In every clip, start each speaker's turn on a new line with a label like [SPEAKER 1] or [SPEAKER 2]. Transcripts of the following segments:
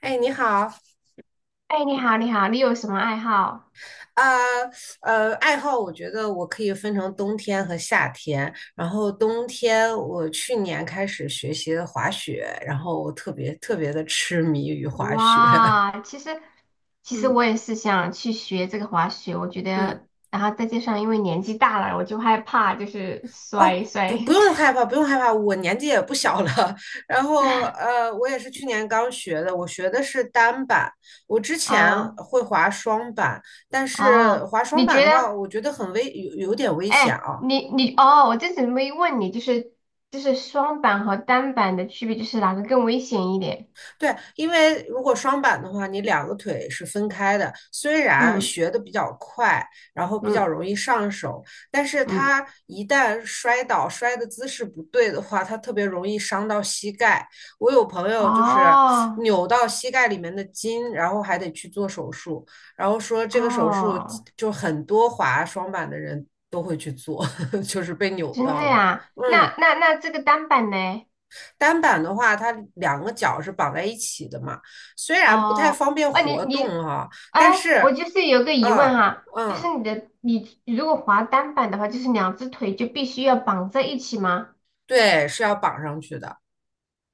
[SPEAKER 1] 哎，你好，
[SPEAKER 2] 哎，你好，你好，你有什么爱好？
[SPEAKER 1] 呃爱好我觉得我可以分成冬天和夏天。然后冬天我去年开始学习了滑雪，然后我特别的痴迷于滑雪。
[SPEAKER 2] 哇，其实
[SPEAKER 1] 嗯
[SPEAKER 2] 我也是想去学这个滑雪，我觉
[SPEAKER 1] 嗯，
[SPEAKER 2] 得，然后再加上因为年纪大了，我就害怕就是
[SPEAKER 1] 哦，
[SPEAKER 2] 摔。
[SPEAKER 1] 不用害怕，不用害怕，我年纪也不小了。然后 我也是去年刚学的，我学的是单板。我之前
[SPEAKER 2] 啊，
[SPEAKER 1] 会滑双板，但是
[SPEAKER 2] 哦，
[SPEAKER 1] 滑双
[SPEAKER 2] 你
[SPEAKER 1] 板
[SPEAKER 2] 觉
[SPEAKER 1] 的
[SPEAKER 2] 得？
[SPEAKER 1] 话，我觉得很危，有点危险
[SPEAKER 2] 哎，
[SPEAKER 1] 啊。
[SPEAKER 2] 你哦，我这次没问你，就是双板和单板的区别，就是哪个更危险一点？
[SPEAKER 1] 对，因为如果双板的话，你两个腿是分开的。虽然
[SPEAKER 2] 嗯
[SPEAKER 1] 学的比较快，然后比较
[SPEAKER 2] 嗯
[SPEAKER 1] 容易上手，但是
[SPEAKER 2] 嗯，
[SPEAKER 1] 它一旦摔倒，摔的姿势不对的话，它特别容易伤到膝盖。我有朋友就是
[SPEAKER 2] 哦
[SPEAKER 1] 扭到膝盖里面的筋，然后还得去做手术，然后说这个手术
[SPEAKER 2] 哦，
[SPEAKER 1] 就很多滑双板的人都会去做，就是被扭
[SPEAKER 2] 真的
[SPEAKER 1] 到了。
[SPEAKER 2] 呀？那
[SPEAKER 1] 嗯。
[SPEAKER 2] 那那这个单板呢？
[SPEAKER 1] 单板的话，它两个脚是绑在一起的嘛，虽然不太
[SPEAKER 2] 哦，
[SPEAKER 1] 方便
[SPEAKER 2] 啊，你
[SPEAKER 1] 活
[SPEAKER 2] 你，
[SPEAKER 1] 动哈、
[SPEAKER 2] 哎，
[SPEAKER 1] 但
[SPEAKER 2] 我
[SPEAKER 1] 是，
[SPEAKER 2] 就是有个疑问
[SPEAKER 1] 嗯
[SPEAKER 2] 哈，就是
[SPEAKER 1] 嗯，
[SPEAKER 2] 你如果滑单板的话，就是两只腿就必须要绑在一起吗？
[SPEAKER 1] 对，是要绑上去的。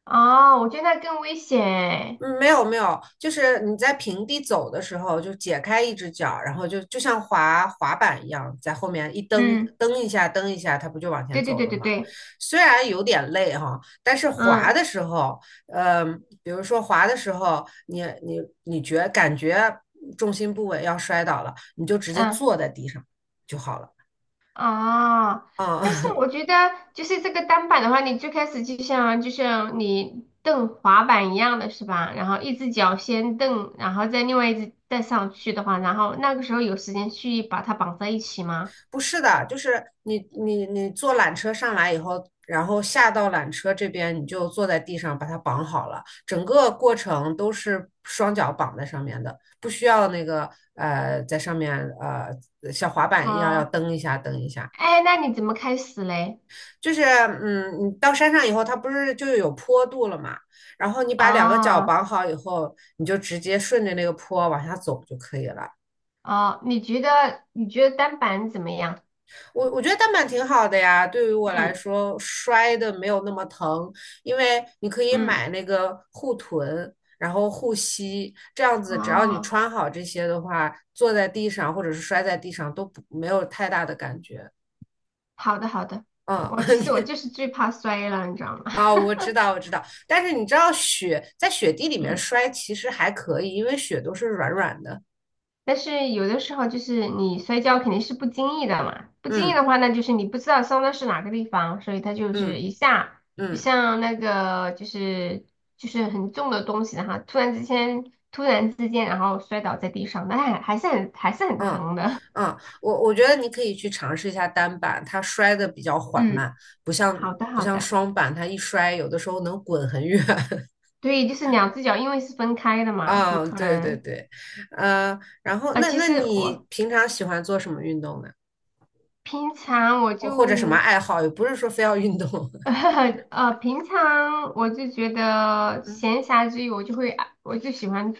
[SPEAKER 2] 哦，我觉得那更危险欸。
[SPEAKER 1] 嗯，没有没有，就是你在平地走的时候，就解开一只脚，然后就像滑滑板一样，在后面一蹬
[SPEAKER 2] 嗯，
[SPEAKER 1] 蹬一下，蹬一下，它不就往前
[SPEAKER 2] 对对
[SPEAKER 1] 走
[SPEAKER 2] 对
[SPEAKER 1] 了
[SPEAKER 2] 对
[SPEAKER 1] 吗？
[SPEAKER 2] 对，
[SPEAKER 1] 虽然有点累哈，但是滑
[SPEAKER 2] 嗯
[SPEAKER 1] 的时候，呃，比如说滑的时候，你感觉重心不稳要摔倒了，你就直接
[SPEAKER 2] 嗯，
[SPEAKER 1] 坐在地上就好了。
[SPEAKER 2] 哦，
[SPEAKER 1] 啊。
[SPEAKER 2] 但是 我觉得就是这个单板的话，你最开始就像你蹬滑板一样的是吧？然后一只脚先蹬，然后再另外一只再上去的话，然后那个时候有时间去把它绑在一起吗？
[SPEAKER 1] 不是的，就是你坐缆车上来以后，然后下到缆车这边，你就坐在地上把它绑好了，整个过程都是双脚绑在上面的，不需要那个在上面像滑板一样要
[SPEAKER 2] 啊。
[SPEAKER 1] 蹬一下。
[SPEAKER 2] 哎，那你怎么开始嘞？
[SPEAKER 1] 就是嗯，你到山上以后，它不是就有坡度了嘛，然后你把两个脚
[SPEAKER 2] 啊，
[SPEAKER 1] 绑好以后，你就直接顺着那个坡往下走就可以了。
[SPEAKER 2] 哦，你觉得单板怎么样？
[SPEAKER 1] 我觉得单板挺好的呀，对于我来
[SPEAKER 2] 嗯
[SPEAKER 1] 说，摔的没有那么疼，因为你可以
[SPEAKER 2] 嗯，
[SPEAKER 1] 买那个护臀，然后护膝，这样子只要你
[SPEAKER 2] 哦，
[SPEAKER 1] 穿好这些的话，坐在地上或者是摔在地上都不没有太大的感觉。
[SPEAKER 2] 好的好的，
[SPEAKER 1] 嗯，
[SPEAKER 2] 我其实我就是最怕摔了，你知道吗？
[SPEAKER 1] 啊，我知道，我知道，但是你知道雪在雪地里 面
[SPEAKER 2] 嗯，
[SPEAKER 1] 摔其实还可以，因为雪都是软软的。
[SPEAKER 2] 但是有的时候就是你摔跤肯定是不经意的嘛，不经意
[SPEAKER 1] 嗯
[SPEAKER 2] 的话呢，那就是你不知道伤的是哪个地方，所以它就是
[SPEAKER 1] 嗯
[SPEAKER 2] 一下。就
[SPEAKER 1] 嗯。
[SPEAKER 2] 像那个就是就是很重的东西，然后突然之间，然后摔倒在地上，但还是很
[SPEAKER 1] 嗯
[SPEAKER 2] 疼的。
[SPEAKER 1] 嗯，我觉得你可以去尝试一下单板，它摔的比较 缓
[SPEAKER 2] 嗯。
[SPEAKER 1] 慢，不像
[SPEAKER 2] 好的，
[SPEAKER 1] 不
[SPEAKER 2] 好
[SPEAKER 1] 像
[SPEAKER 2] 的，
[SPEAKER 1] 双板，它一摔有的时候能滚很远。
[SPEAKER 2] 对，就是两只脚，因为是分开的嘛，就
[SPEAKER 1] 啊，
[SPEAKER 2] 可
[SPEAKER 1] 对对
[SPEAKER 2] 能。
[SPEAKER 1] 对，然后
[SPEAKER 2] 啊，呃，
[SPEAKER 1] 那
[SPEAKER 2] 其
[SPEAKER 1] 那
[SPEAKER 2] 实
[SPEAKER 1] 你
[SPEAKER 2] 我
[SPEAKER 1] 平常喜欢做什么运动呢？
[SPEAKER 2] 平常我
[SPEAKER 1] 或或者什么
[SPEAKER 2] 就
[SPEAKER 1] 爱好？也不是说非要运动。
[SPEAKER 2] 呃，平常我就觉得
[SPEAKER 1] 嗯
[SPEAKER 2] 闲暇之余，我就会，我就喜欢就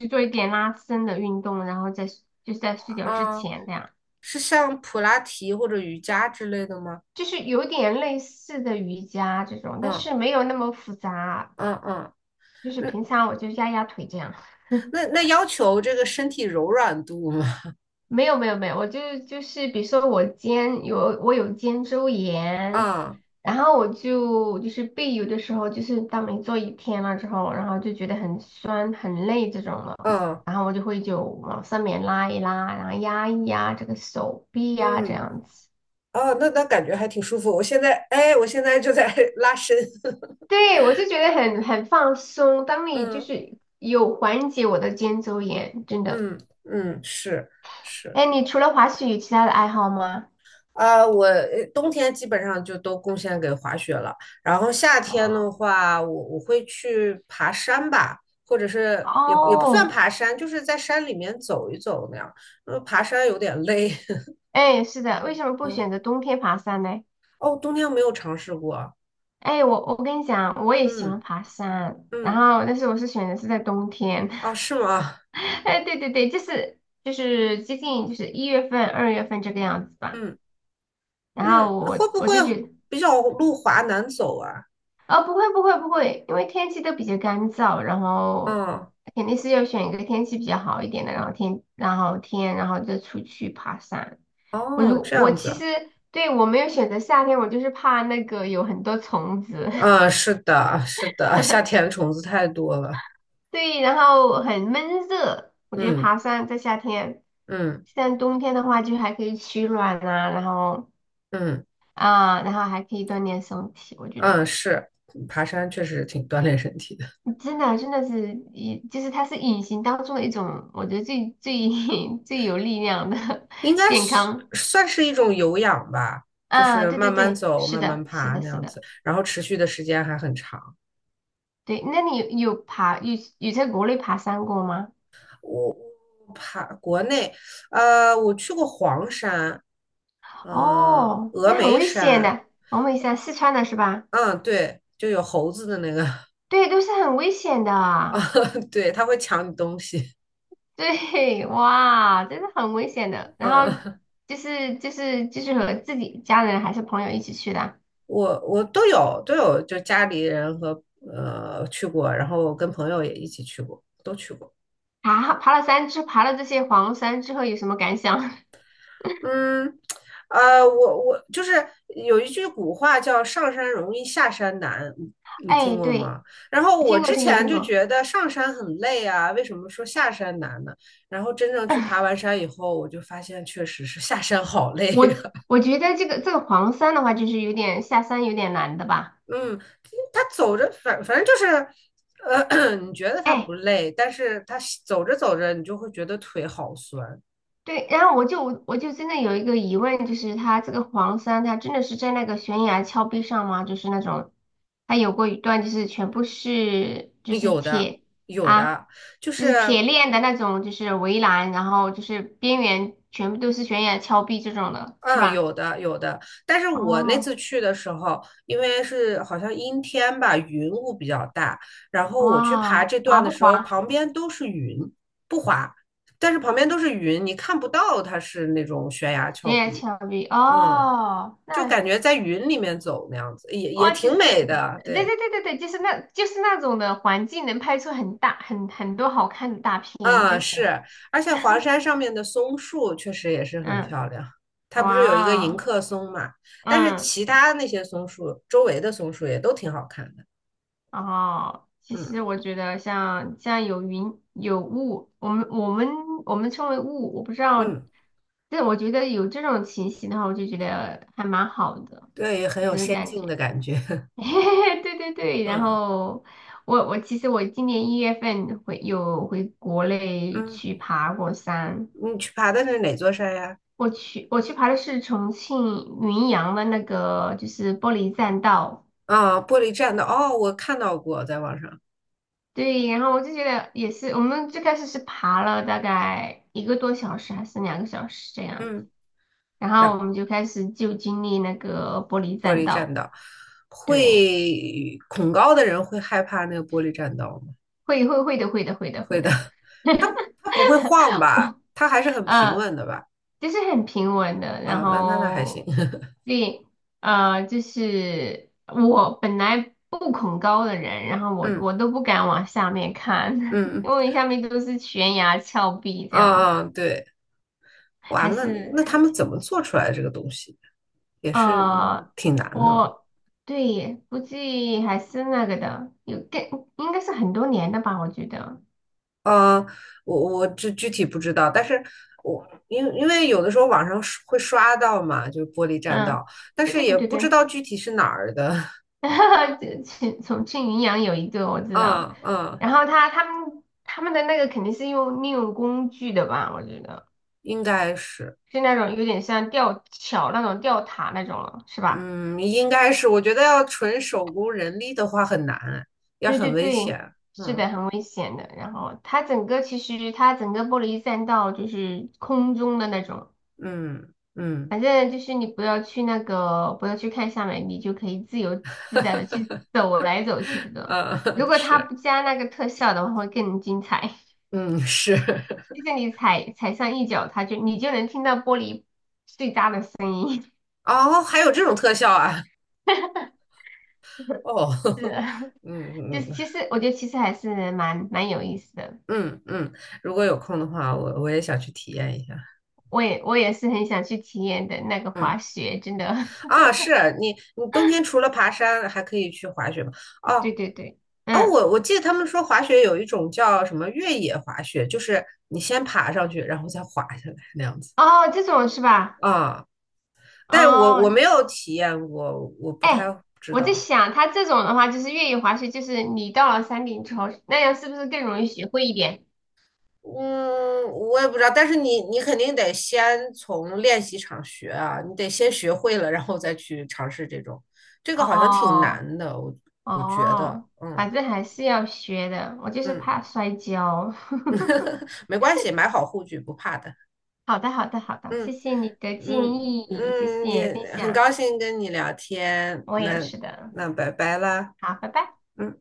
[SPEAKER 2] 是做一点拉伸的运动，然后在就是在睡觉之
[SPEAKER 1] 啊，
[SPEAKER 2] 前这样。
[SPEAKER 1] 是像普拉提或者瑜伽之类的吗？
[SPEAKER 2] 就是有点类似的瑜伽这种，但
[SPEAKER 1] 嗯
[SPEAKER 2] 是没有那么复杂，
[SPEAKER 1] 嗯嗯，
[SPEAKER 2] 就是
[SPEAKER 1] 那
[SPEAKER 2] 平常我就压压腿这样。
[SPEAKER 1] 那要求这个身体柔软度吗？
[SPEAKER 2] 没有没有没有，我就是比如说我我有肩周 炎，
[SPEAKER 1] 啊
[SPEAKER 2] 然后我就是背有的时候就是当你做一天了之后，然后就觉得很酸很累这种了，
[SPEAKER 1] 嗯
[SPEAKER 2] 然后我就会就往上面拉一拉，然后压一压这个手臂呀、这
[SPEAKER 1] 嗯。
[SPEAKER 2] 样子。
[SPEAKER 1] 哦，那那感觉还挺舒服。我现在，哎，我现在就在 拉伸。
[SPEAKER 2] 对，我就觉得很很放松。当你就
[SPEAKER 1] 嗯
[SPEAKER 2] 是有缓解我的肩周炎，真的。
[SPEAKER 1] 嗯嗯，是是
[SPEAKER 2] 哎，你除了滑雪有其他的爱好吗？
[SPEAKER 1] 啊，我冬天基本上就都贡献给滑雪了，然后夏天的
[SPEAKER 2] 哦
[SPEAKER 1] 话，我会去爬山吧，或者是也也不算
[SPEAKER 2] 哦，
[SPEAKER 1] 爬山，就是在山里面走一走那样。呃，爬山有点累。
[SPEAKER 2] 哎，是的，为什么 不选
[SPEAKER 1] 嗯，
[SPEAKER 2] 择冬天爬山呢？
[SPEAKER 1] 哦，冬天没有尝试过。
[SPEAKER 2] 哎，我跟你讲，我也喜欢
[SPEAKER 1] 嗯
[SPEAKER 2] 爬山，然
[SPEAKER 1] 嗯，
[SPEAKER 2] 后但是我是选择是在冬天。
[SPEAKER 1] 哦，是吗？
[SPEAKER 2] 哎，对对对，就是接近就是一月份、二月份这个样子吧。
[SPEAKER 1] 嗯
[SPEAKER 2] 然
[SPEAKER 1] 嗯，
[SPEAKER 2] 后
[SPEAKER 1] 会
[SPEAKER 2] 我
[SPEAKER 1] 不
[SPEAKER 2] 我
[SPEAKER 1] 会
[SPEAKER 2] 就觉得，
[SPEAKER 1] 比较路滑难走啊？
[SPEAKER 2] 哦，不会不会不会，因为天气都比较干燥，然后
[SPEAKER 1] 嗯。
[SPEAKER 2] 肯定是要选一个天气比较好一点的，然后天然后天然后再出去爬山。我
[SPEAKER 1] 哦，
[SPEAKER 2] 如
[SPEAKER 1] 这
[SPEAKER 2] 我
[SPEAKER 1] 样
[SPEAKER 2] 其实
[SPEAKER 1] 子，
[SPEAKER 2] 对，我没有选择夏天，我就是怕那个有很多虫子。
[SPEAKER 1] 嗯，是的，是的，夏天虫子太多了，
[SPEAKER 2] 对，然后很闷热，我觉得
[SPEAKER 1] 嗯
[SPEAKER 2] 爬山在夏天，
[SPEAKER 1] 嗯
[SPEAKER 2] 像冬天的话就还可以取暖啊，然后
[SPEAKER 1] 嗯
[SPEAKER 2] 啊，然后还可以锻炼身体，我觉
[SPEAKER 1] 嗯，
[SPEAKER 2] 得
[SPEAKER 1] 是，爬山确实挺锻炼身体的，
[SPEAKER 2] 真的真的是隐，就是它是隐形当中的一种，我觉得最 最有力量的
[SPEAKER 1] 应 该
[SPEAKER 2] 健
[SPEAKER 1] 是
[SPEAKER 2] 康。
[SPEAKER 1] 算是一种有氧吧，就
[SPEAKER 2] 啊，
[SPEAKER 1] 是
[SPEAKER 2] 对对
[SPEAKER 1] 慢慢
[SPEAKER 2] 对，
[SPEAKER 1] 走，
[SPEAKER 2] 是
[SPEAKER 1] 慢慢
[SPEAKER 2] 的，是
[SPEAKER 1] 爬
[SPEAKER 2] 的，
[SPEAKER 1] 那
[SPEAKER 2] 是
[SPEAKER 1] 样子，
[SPEAKER 2] 的。
[SPEAKER 1] 然后持续的时间还很长。
[SPEAKER 2] 对，那你有在国内爬山过吗？
[SPEAKER 1] 我我爬国内，我去过黄山，
[SPEAKER 2] 哦，
[SPEAKER 1] 峨
[SPEAKER 2] 那很
[SPEAKER 1] 眉
[SPEAKER 2] 危险
[SPEAKER 1] 山，
[SPEAKER 2] 的，我问一下，四川的是吧？
[SPEAKER 1] 嗯，对，就有猴子的那个，
[SPEAKER 2] 对，都是很危险
[SPEAKER 1] 啊，
[SPEAKER 2] 的。
[SPEAKER 1] 对，它会抢你东西，
[SPEAKER 2] 对，哇，真的很危险的。然后
[SPEAKER 1] 嗯。
[SPEAKER 2] 就是和自己家人还是朋友一起去的。
[SPEAKER 1] 我我都有都有，就家里人和去过，然后我跟朋友也一起去过，都去过。
[SPEAKER 2] 啊，爬了这些黄山之后有什么感想？
[SPEAKER 1] 嗯，我就是有一句古话叫“上山容易下山难”，你
[SPEAKER 2] 哎，
[SPEAKER 1] 听过
[SPEAKER 2] 对，
[SPEAKER 1] 吗？然后我
[SPEAKER 2] 听过
[SPEAKER 1] 之
[SPEAKER 2] 听过
[SPEAKER 1] 前
[SPEAKER 2] 听
[SPEAKER 1] 就
[SPEAKER 2] 过。
[SPEAKER 1] 觉得上山很累啊，为什么说下山难呢？然后真正去爬 完山以后，我就发现确实是下山好累
[SPEAKER 2] 我
[SPEAKER 1] 呀、
[SPEAKER 2] 我觉得这个黄山的话，就是有点下山有点难的吧。
[SPEAKER 1] 嗯，他走着反正就是，你觉得他
[SPEAKER 2] 哎，
[SPEAKER 1] 不累，但是他走着，你就会觉得腿好酸。
[SPEAKER 2] 对，然后我真的有一个疑问，就是它这个黄山，它真的是在那个悬崖峭壁上吗？就是那种，它有过一段就是全部是
[SPEAKER 1] 有的，
[SPEAKER 2] 铁，
[SPEAKER 1] 有
[SPEAKER 2] 啊，
[SPEAKER 1] 的，就
[SPEAKER 2] 就是
[SPEAKER 1] 是，
[SPEAKER 2] 铁链的那种，就是围栏，然后就是边缘全部都是悬崖峭壁这种的，是
[SPEAKER 1] 嗯，
[SPEAKER 2] 吧？
[SPEAKER 1] 有的，有的。但是我那
[SPEAKER 2] 哦，
[SPEAKER 1] 次去的时候，因为是好像阴天吧，云雾比较大，然后我去爬
[SPEAKER 2] 哇，
[SPEAKER 1] 这段
[SPEAKER 2] 滑
[SPEAKER 1] 的
[SPEAKER 2] 不
[SPEAKER 1] 时候，
[SPEAKER 2] 滑？
[SPEAKER 1] 旁边都是云，不滑，但是旁边都是云，你看不到它是那种悬崖峭
[SPEAKER 2] 悬崖
[SPEAKER 1] 壁。
[SPEAKER 2] 峭壁，
[SPEAKER 1] 嗯，
[SPEAKER 2] 哦，
[SPEAKER 1] 就
[SPEAKER 2] 那
[SPEAKER 1] 感觉在云里面走那样子，也也
[SPEAKER 2] 哇，其
[SPEAKER 1] 挺
[SPEAKER 2] 实，
[SPEAKER 1] 美的。
[SPEAKER 2] 对对
[SPEAKER 1] 对，
[SPEAKER 2] 对对对，就是那，就是那种的环境能拍出很大、很多好看的大片，
[SPEAKER 1] 啊，
[SPEAKER 2] 真的。
[SPEAKER 1] 是，而且黄山上面的松树确实也是很
[SPEAKER 2] 嗯，
[SPEAKER 1] 漂亮。它不是有一个迎
[SPEAKER 2] 哇，
[SPEAKER 1] 客松嘛？但是
[SPEAKER 2] 嗯，
[SPEAKER 1] 其他那些松树，周围的松树也都挺好看的。
[SPEAKER 2] 哦，其
[SPEAKER 1] 嗯
[SPEAKER 2] 实我觉得像像有云有雾，我们称为雾，我不知道，
[SPEAKER 1] 嗯，
[SPEAKER 2] 但我觉得有这种情形的话，我就觉得还蛮好的，
[SPEAKER 1] 对，很
[SPEAKER 2] 就
[SPEAKER 1] 有
[SPEAKER 2] 是
[SPEAKER 1] 仙
[SPEAKER 2] 感
[SPEAKER 1] 境的
[SPEAKER 2] 觉。
[SPEAKER 1] 感觉。
[SPEAKER 2] 对对对，然
[SPEAKER 1] 嗯
[SPEAKER 2] 后我我其实我今年一月份回有回国内
[SPEAKER 1] 嗯，
[SPEAKER 2] 去爬过山。
[SPEAKER 1] 你去爬的是哪座山呀？
[SPEAKER 2] 我去爬的是重庆云阳的那个，就是玻璃栈道。
[SPEAKER 1] 啊，玻璃栈道。哦，我看到过，在网上。
[SPEAKER 2] 对，然后我就觉得也是，我们最开始是爬了大概一个多小时还是两个小时这样子，
[SPEAKER 1] 嗯，
[SPEAKER 2] 然后我
[SPEAKER 1] 让
[SPEAKER 2] 们就开始就经历那个玻璃
[SPEAKER 1] 玻
[SPEAKER 2] 栈
[SPEAKER 1] 璃栈
[SPEAKER 2] 道。
[SPEAKER 1] 道，
[SPEAKER 2] 对，
[SPEAKER 1] 会恐高的人会害怕那个玻璃栈道吗？
[SPEAKER 2] 会会会的，会的，会的，
[SPEAKER 1] 会
[SPEAKER 2] 会
[SPEAKER 1] 的，
[SPEAKER 2] 的。
[SPEAKER 1] 它不会晃吧？它还是很平
[SPEAKER 2] 呃，
[SPEAKER 1] 稳的吧？
[SPEAKER 2] 就是很平稳的，然
[SPEAKER 1] 啊，那那那还行。
[SPEAKER 2] 后 对。呃，就是我本来不恐高的人，然后我
[SPEAKER 1] 嗯
[SPEAKER 2] 我都不敢往下面
[SPEAKER 1] 嗯
[SPEAKER 2] 看，因
[SPEAKER 1] 嗯
[SPEAKER 2] 为下面都是悬崖峭壁这样子，
[SPEAKER 1] 啊，对，哇，
[SPEAKER 2] 还
[SPEAKER 1] 那
[SPEAKER 2] 是。
[SPEAKER 1] 那他们怎么做出来这个东西？也是嗯
[SPEAKER 2] 呃，
[SPEAKER 1] 挺难的。
[SPEAKER 2] 我对，估计还是那个的，应该是很多年的吧，我觉得。
[SPEAKER 1] 啊。我我这具体不知道，但是我因为有的时候网上刷会刷到嘛，就是玻璃栈
[SPEAKER 2] 嗯，
[SPEAKER 1] 道，但
[SPEAKER 2] 对
[SPEAKER 1] 是
[SPEAKER 2] 对
[SPEAKER 1] 也
[SPEAKER 2] 对对
[SPEAKER 1] 不知
[SPEAKER 2] 对。
[SPEAKER 1] 道具体是哪儿的。
[SPEAKER 2] 哈，哈，重庆云阳有一个我知道，
[SPEAKER 1] 嗯嗯，
[SPEAKER 2] 然后他们的那个肯定是用利用工具的吧，我觉得
[SPEAKER 1] 应该是。
[SPEAKER 2] 是那种有点像吊桥那种吊塔那种了，是吧？
[SPEAKER 1] 嗯，应该是，我觉得要纯手工人力的话很难，也
[SPEAKER 2] 对
[SPEAKER 1] 很
[SPEAKER 2] 对
[SPEAKER 1] 危
[SPEAKER 2] 对，
[SPEAKER 1] 险。
[SPEAKER 2] 是
[SPEAKER 1] 嗯
[SPEAKER 2] 的，很危险的。然后它整个玻璃栈道就是空中的那种，
[SPEAKER 1] 嗯嗯，
[SPEAKER 2] 反正就是你不要去那个不要去看下面，你就可以自由自在的去走来走去这种。
[SPEAKER 1] 呃，
[SPEAKER 2] 如 果它
[SPEAKER 1] 是，
[SPEAKER 2] 不加那个特效的话，会更精彩。
[SPEAKER 1] 嗯是，
[SPEAKER 2] 就是你踩上一脚，它就你就能听到玻璃碎渣的声音。
[SPEAKER 1] 哦，还有这种特效啊，哦，
[SPEAKER 2] 是的。
[SPEAKER 1] 嗯
[SPEAKER 2] 就
[SPEAKER 1] 嗯
[SPEAKER 2] 是其实我觉得其实还是蛮有意思的。
[SPEAKER 1] 嗯嗯，如果有空的话，我也想去体验一下。
[SPEAKER 2] 我也是很想去体验的那个
[SPEAKER 1] 嗯
[SPEAKER 2] 滑雪，真的。
[SPEAKER 1] 啊，是你冬天除了爬山，还可以去滑雪吗？
[SPEAKER 2] 对
[SPEAKER 1] 哦
[SPEAKER 2] 对对，
[SPEAKER 1] 哦，
[SPEAKER 2] 嗯，
[SPEAKER 1] 我记得他们说滑雪有一种叫什么越野滑雪，就是你先爬上去，然后再滑下来那样子。
[SPEAKER 2] 哦，这种是吧？
[SPEAKER 1] 啊但我
[SPEAKER 2] 哦，
[SPEAKER 1] 我没有体验过，我不
[SPEAKER 2] 哎，
[SPEAKER 1] 太知
[SPEAKER 2] 我在
[SPEAKER 1] 道。
[SPEAKER 2] 想，它这种的话就是越野滑雪，就是你到了山顶之后，那样是不是更容易学会一点？
[SPEAKER 1] 嗯，我也不知道，但是你肯定得先从练习场学啊，你得先学会了，然后再去尝试这种，这个好像挺
[SPEAKER 2] 哦
[SPEAKER 1] 难的，我我觉得，
[SPEAKER 2] 哦，反
[SPEAKER 1] 嗯
[SPEAKER 2] 正还是要学的，我就是
[SPEAKER 1] 嗯，
[SPEAKER 2] 怕摔跤。
[SPEAKER 1] 没关系，买好护具不怕的，
[SPEAKER 2] 好的，好的，好的，谢
[SPEAKER 1] 嗯
[SPEAKER 2] 谢你的建
[SPEAKER 1] 嗯
[SPEAKER 2] 议，谢
[SPEAKER 1] 嗯，
[SPEAKER 2] 谢分
[SPEAKER 1] 也很
[SPEAKER 2] 享，
[SPEAKER 1] 高兴跟你聊天，
[SPEAKER 2] 我也
[SPEAKER 1] 那
[SPEAKER 2] 是的。
[SPEAKER 1] 那拜拜啦，
[SPEAKER 2] 好，拜拜。
[SPEAKER 1] 嗯。